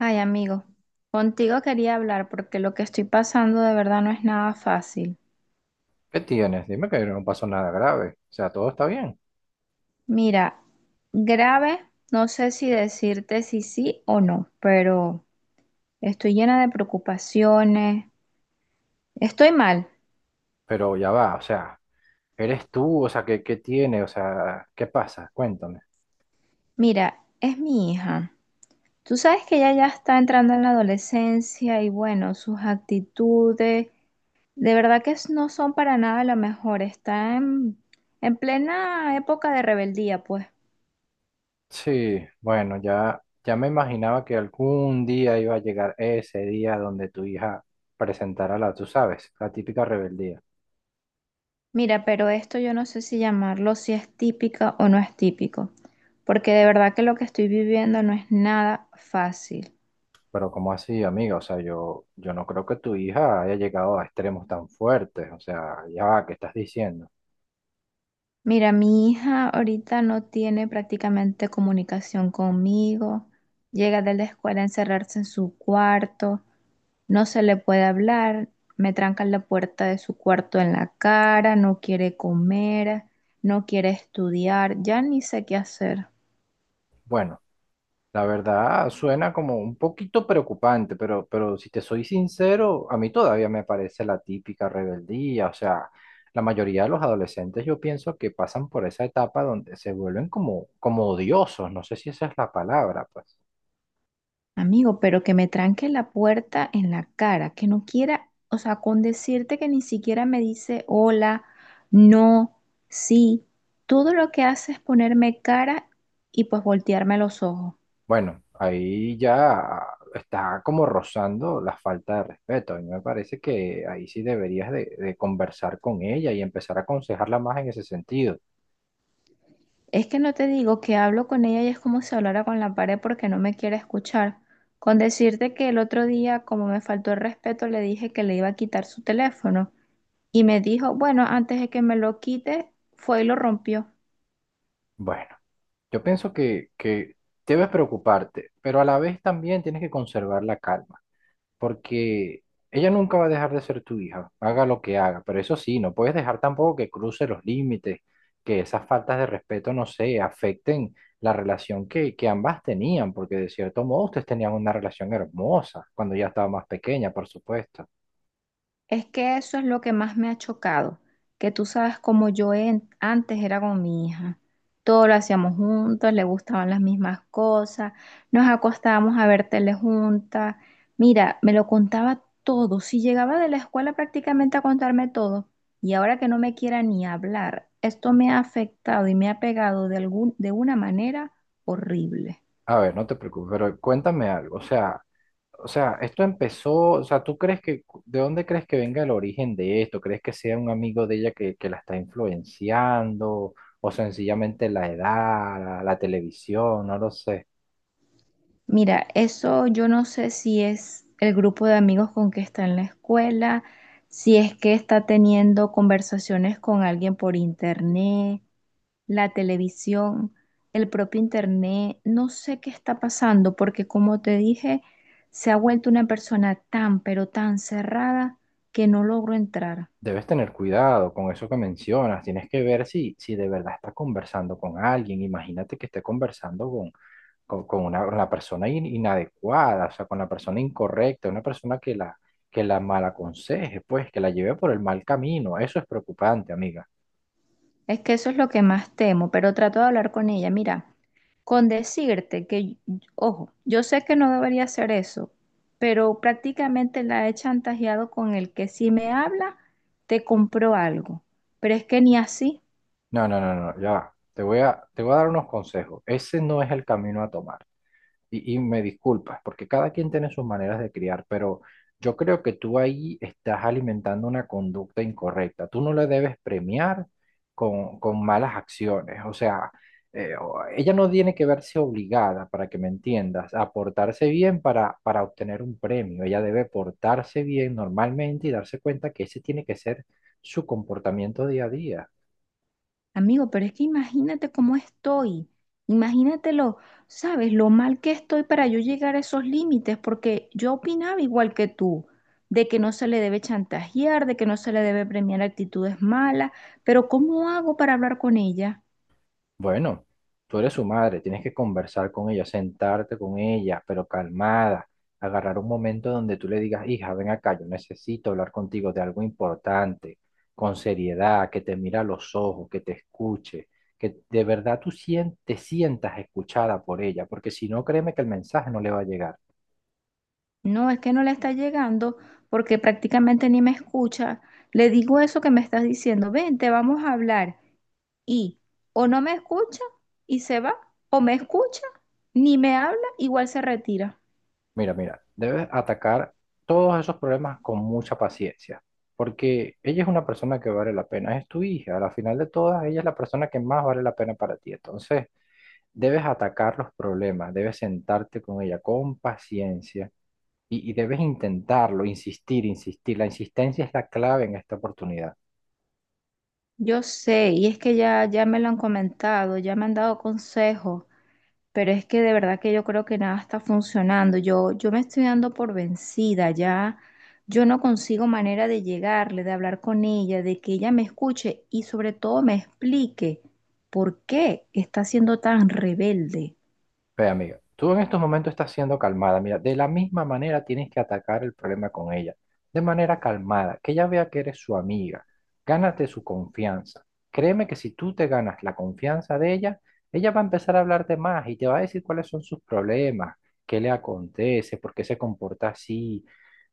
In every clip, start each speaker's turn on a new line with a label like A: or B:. A: Ay, amigo, contigo quería hablar porque lo que estoy pasando de verdad no es nada fácil.
B: ¿Qué tienes? Dime que no pasó nada grave. O sea, todo está bien.
A: Mira, grave, no sé si decirte si sí o no, pero estoy llena de preocupaciones. Estoy mal.
B: Pero ya va, o sea, eres tú, o sea, ¿qué tiene? O sea, ¿qué pasa? Cuéntame.
A: Mira, es mi hija. Tú sabes que ella ya está entrando en la adolescencia y bueno, sus actitudes de verdad que no son para nada lo mejor. Está en plena época de rebeldía, pues.
B: Sí, bueno, ya me imaginaba que algún día iba a llegar ese día donde tu hija presentara la, tú sabes, la típica rebeldía.
A: Mira, pero esto yo no sé si llamarlo si es típica o no es típico, porque de verdad que lo que estoy viviendo no es nada fácil.
B: Pero ¿cómo así, amiga? O sea, yo no creo que tu hija haya llegado a extremos tan fuertes. O sea, ya va, ¿qué estás diciendo?
A: Mira, mi hija ahorita no tiene prácticamente comunicación conmigo, llega de la escuela a encerrarse en su cuarto, no se le puede hablar, me trancan la puerta de su cuarto en la cara, no quiere comer, no quiere estudiar, ya ni sé qué hacer.
B: Bueno. La verdad suena como un poquito preocupante, pero si te soy sincero, a mí todavía me parece la típica rebeldía. O sea, la mayoría de los adolescentes yo pienso que pasan por esa etapa donde se vuelven como odiosos. No sé si esa es la palabra, pues.
A: Amigo, pero que me tranque la puerta en la cara, que no quiera, o sea, con decirte que ni siquiera me dice hola, no, sí, todo lo que hace es ponerme cara y pues voltearme los ojos.
B: Bueno, ahí ya está como rozando la falta de respeto. A mí me parece que ahí sí deberías de conversar con ella y empezar a aconsejarla más en ese sentido.
A: Es que no te digo que hablo con ella y es como si hablara con la pared porque no me quiere escuchar. Con decirte que el otro día, como me faltó el respeto, le dije que le iba a quitar su teléfono y me dijo, bueno, antes de que me lo quite, fue y lo rompió.
B: Bueno. Yo pienso que debes preocuparte, pero a la vez también tienes que conservar la calma, porque ella nunca va a dejar de ser tu hija, haga lo que haga, pero eso sí, no puedes dejar tampoco que cruce los límites, que esas faltas de respeto, no sé, afecten la relación que ambas tenían, porque de cierto modo ustedes tenían una relación hermosa cuando ya estaba más pequeña, por supuesto.
A: Es que eso es lo que más me ha chocado, que tú sabes cómo yo antes era con mi hija. Todo lo hacíamos juntos, le gustaban las mismas cosas, nos acostábamos a ver tele juntas. Mira, me lo contaba todo, si llegaba de la escuela prácticamente a contarme todo. Y ahora que no me quiera ni hablar, esto me ha afectado y me ha pegado de de una manera horrible.
B: A ver, no te preocupes, pero cuéntame algo, o sea... O sea, esto empezó, o sea, ¿de dónde crees que venga el origen de esto? ¿Crees que sea un amigo de ella que la está influenciando? ¿O sencillamente la edad, la televisión? No lo sé.
A: Mira, eso yo no sé si es el grupo de amigos con que está en la escuela, si es que está teniendo conversaciones con alguien por internet, la televisión, el propio internet, no sé qué está pasando, porque como te dije, se ha vuelto una persona tan, pero tan cerrada que no logro entrar.
B: Debes tener cuidado con eso que mencionas. Tienes que ver si de verdad está conversando con alguien. Imagínate que esté conversando con la persona inadecuada, o sea, con la persona incorrecta, una persona que la mal aconseje, pues, que la lleve por el mal camino. Eso es preocupante, amiga.
A: Es que eso es lo que más temo, pero trato de hablar con ella. Mira, con decirte que, ojo, yo sé que no debería hacer eso, pero prácticamente la he chantajeado con el que si me habla, te compro algo. Pero es que ni así.
B: No, no, no, no, ya va. Te voy a dar unos consejos. Ese no es el camino a tomar. Y me disculpas, porque cada quien tiene sus maneras de criar, pero yo creo que tú ahí estás alimentando una conducta incorrecta. Tú no le debes premiar con malas acciones. O sea, ella no tiene que verse obligada, para que me entiendas, a portarse bien para obtener un premio. Ella debe portarse bien normalmente y darse cuenta que ese tiene que ser su comportamiento día a día.
A: Amigo, pero es que imagínate cómo estoy, imagínate lo, sabes, lo mal que estoy para yo llegar a esos límites, porque yo opinaba igual que tú, de que no se le debe chantajear, de que no se le debe premiar actitudes malas, pero ¿cómo hago para hablar con ella?
B: Bueno, tú eres su madre, tienes que conversar con ella, sentarte con ella, pero calmada, agarrar un momento donde tú le digas, hija, ven acá, yo necesito hablar contigo de algo importante, con seriedad, que te mira a los ojos, que te escuche, que de verdad te sientas escuchada por ella, porque si no, créeme que el mensaje no le va a llegar.
A: No, es que no le está llegando porque prácticamente ni me escucha. Le digo eso que me estás diciendo, vente, vamos a hablar. Y o no me escucha y se va, o me escucha, ni me habla, igual se retira.
B: Mira, mira, debes atacar todos esos problemas con mucha paciencia, porque ella es una persona que vale la pena, es tu hija, al final de todas, ella es la persona que más vale la pena para ti. Entonces, debes atacar los problemas, debes sentarte con ella con paciencia y debes intentarlo, insistir, insistir. La insistencia es la clave en esta oportunidad.
A: Yo sé, y es que ya me lo han comentado, ya me han dado consejos, pero es que de verdad que yo creo que nada está funcionando. Yo me estoy dando por vencida, ya yo no consigo manera de llegarle, de hablar con ella, de que ella me escuche y sobre todo me explique por qué está siendo tan rebelde.
B: Ve, amiga, tú en estos momentos estás siendo calmada. Mira, de la misma manera tienes que atacar el problema con ella, de manera calmada, que ella vea que eres su amiga. Gánate su confianza. Créeme que si tú te ganas la confianza de ella, ella va a empezar a hablarte más y te va a decir cuáles son sus problemas, qué le acontece, por qué se comporta así,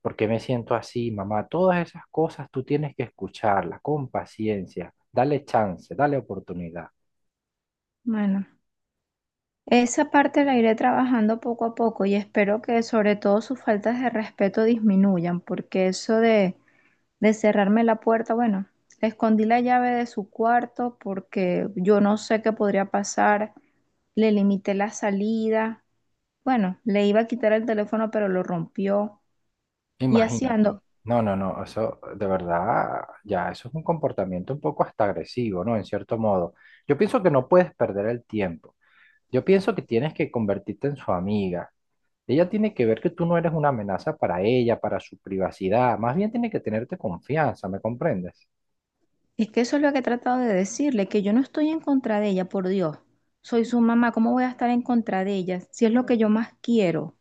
B: por qué me siento así, mamá. Todas esas cosas tú tienes que escucharlas con paciencia. Dale chance, dale oportunidad.
A: Bueno. Esa parte la iré trabajando poco a poco y espero que sobre todo sus faltas de respeto disminuyan, porque eso de cerrarme la puerta, bueno, le escondí la llave de su cuarto porque yo no sé qué podría pasar, le limité la salida, bueno, le iba a quitar el teléfono pero lo rompió y así
B: Imagínate.
A: ando.
B: No, no, no, eso de verdad, ya, eso es un comportamiento un poco hasta agresivo, ¿no? En cierto modo. Yo pienso que no puedes perder el tiempo. Yo pienso que tienes que convertirte en su amiga. Ella tiene que ver que tú no eres una amenaza para ella, para su privacidad. Más bien tiene que tenerte confianza, ¿me comprendes?
A: Es que eso es lo que he tratado de decirle, que yo no estoy en contra de ella, por Dios. Soy su mamá, ¿cómo voy a estar en contra de ella si es lo que yo más quiero?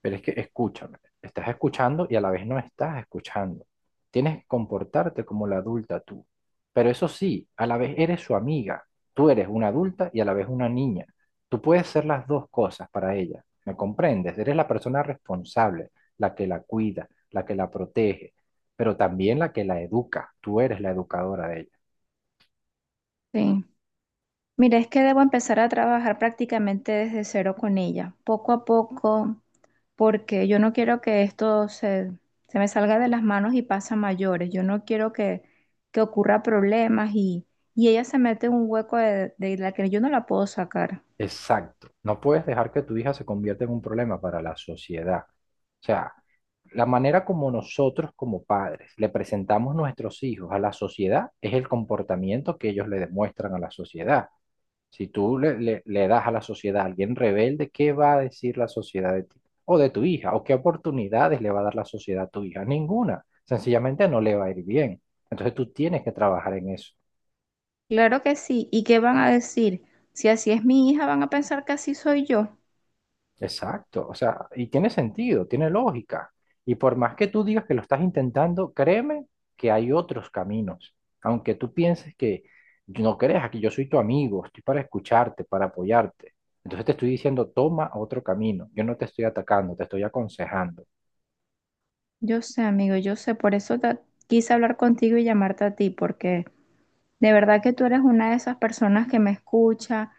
B: Pero es que escúchame, estás escuchando y a la vez no estás escuchando. Tienes que comportarte como la adulta tú. Pero eso sí, a la vez eres su amiga. Tú eres una adulta y a la vez una niña. Tú puedes ser las dos cosas para ella. ¿Me comprendes? Eres la persona responsable, la que la cuida, la que la protege, pero también la que la educa. Tú eres la educadora de ella.
A: Sí. Mira, es que debo empezar a trabajar prácticamente desde cero con ella, poco a poco, porque yo no quiero que esto se me salga de las manos y pase a mayores. Yo no quiero que ocurra problemas y ella se mete en un hueco de la que yo no la puedo sacar.
B: Exacto. No puedes dejar que tu hija se convierta en un problema para la sociedad. O sea, la manera como nosotros como padres le presentamos nuestros hijos a la sociedad es el comportamiento que ellos le demuestran a la sociedad. Si tú le das a la sociedad a alguien rebelde, ¿qué va a decir la sociedad de ti? O de tu hija, o qué oportunidades le va a dar la sociedad a tu hija. Ninguna. Sencillamente no le va a ir bien. Entonces tú tienes que trabajar en eso.
A: Claro que sí. ¿Y qué van a decir? Si así es mi hija, van a pensar que así soy yo.
B: Exacto, o sea, y tiene sentido, tiene lógica. Y por más que tú digas que lo estás intentando, créeme que hay otros caminos. Aunque tú pienses que no creas que yo soy tu amigo, estoy para escucharte, para apoyarte. Entonces te estoy diciendo, toma otro camino. Yo no te estoy atacando, te estoy aconsejando.
A: Yo sé, amigo, yo sé. Por eso quise hablar contigo y llamarte a ti, porque de verdad que tú eres una de esas personas que me escucha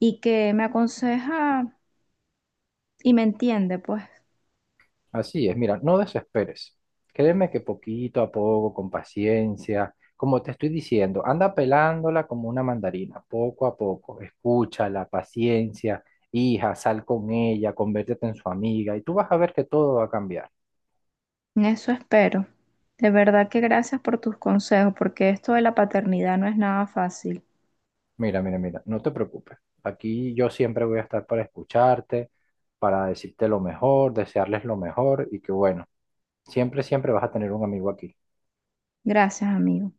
A: y que me aconseja y me entiende, pues.
B: Así es, mira, no desesperes. Créeme que poquito a poco, con paciencia, como te estoy diciendo, anda pelándola como una mandarina, poco a poco. Escúchala, paciencia, hija, sal con ella, conviértete en su amiga y tú vas a ver que todo va a cambiar.
A: En eso espero. De verdad que gracias por tus consejos, porque esto de la paternidad no es nada fácil.
B: Mira, mira, mira, no te preocupes. Aquí yo siempre voy a estar para escucharte, para decirte lo mejor, desearles lo mejor y que bueno, siempre, siempre vas a tener un amigo aquí.
A: Gracias, amigo.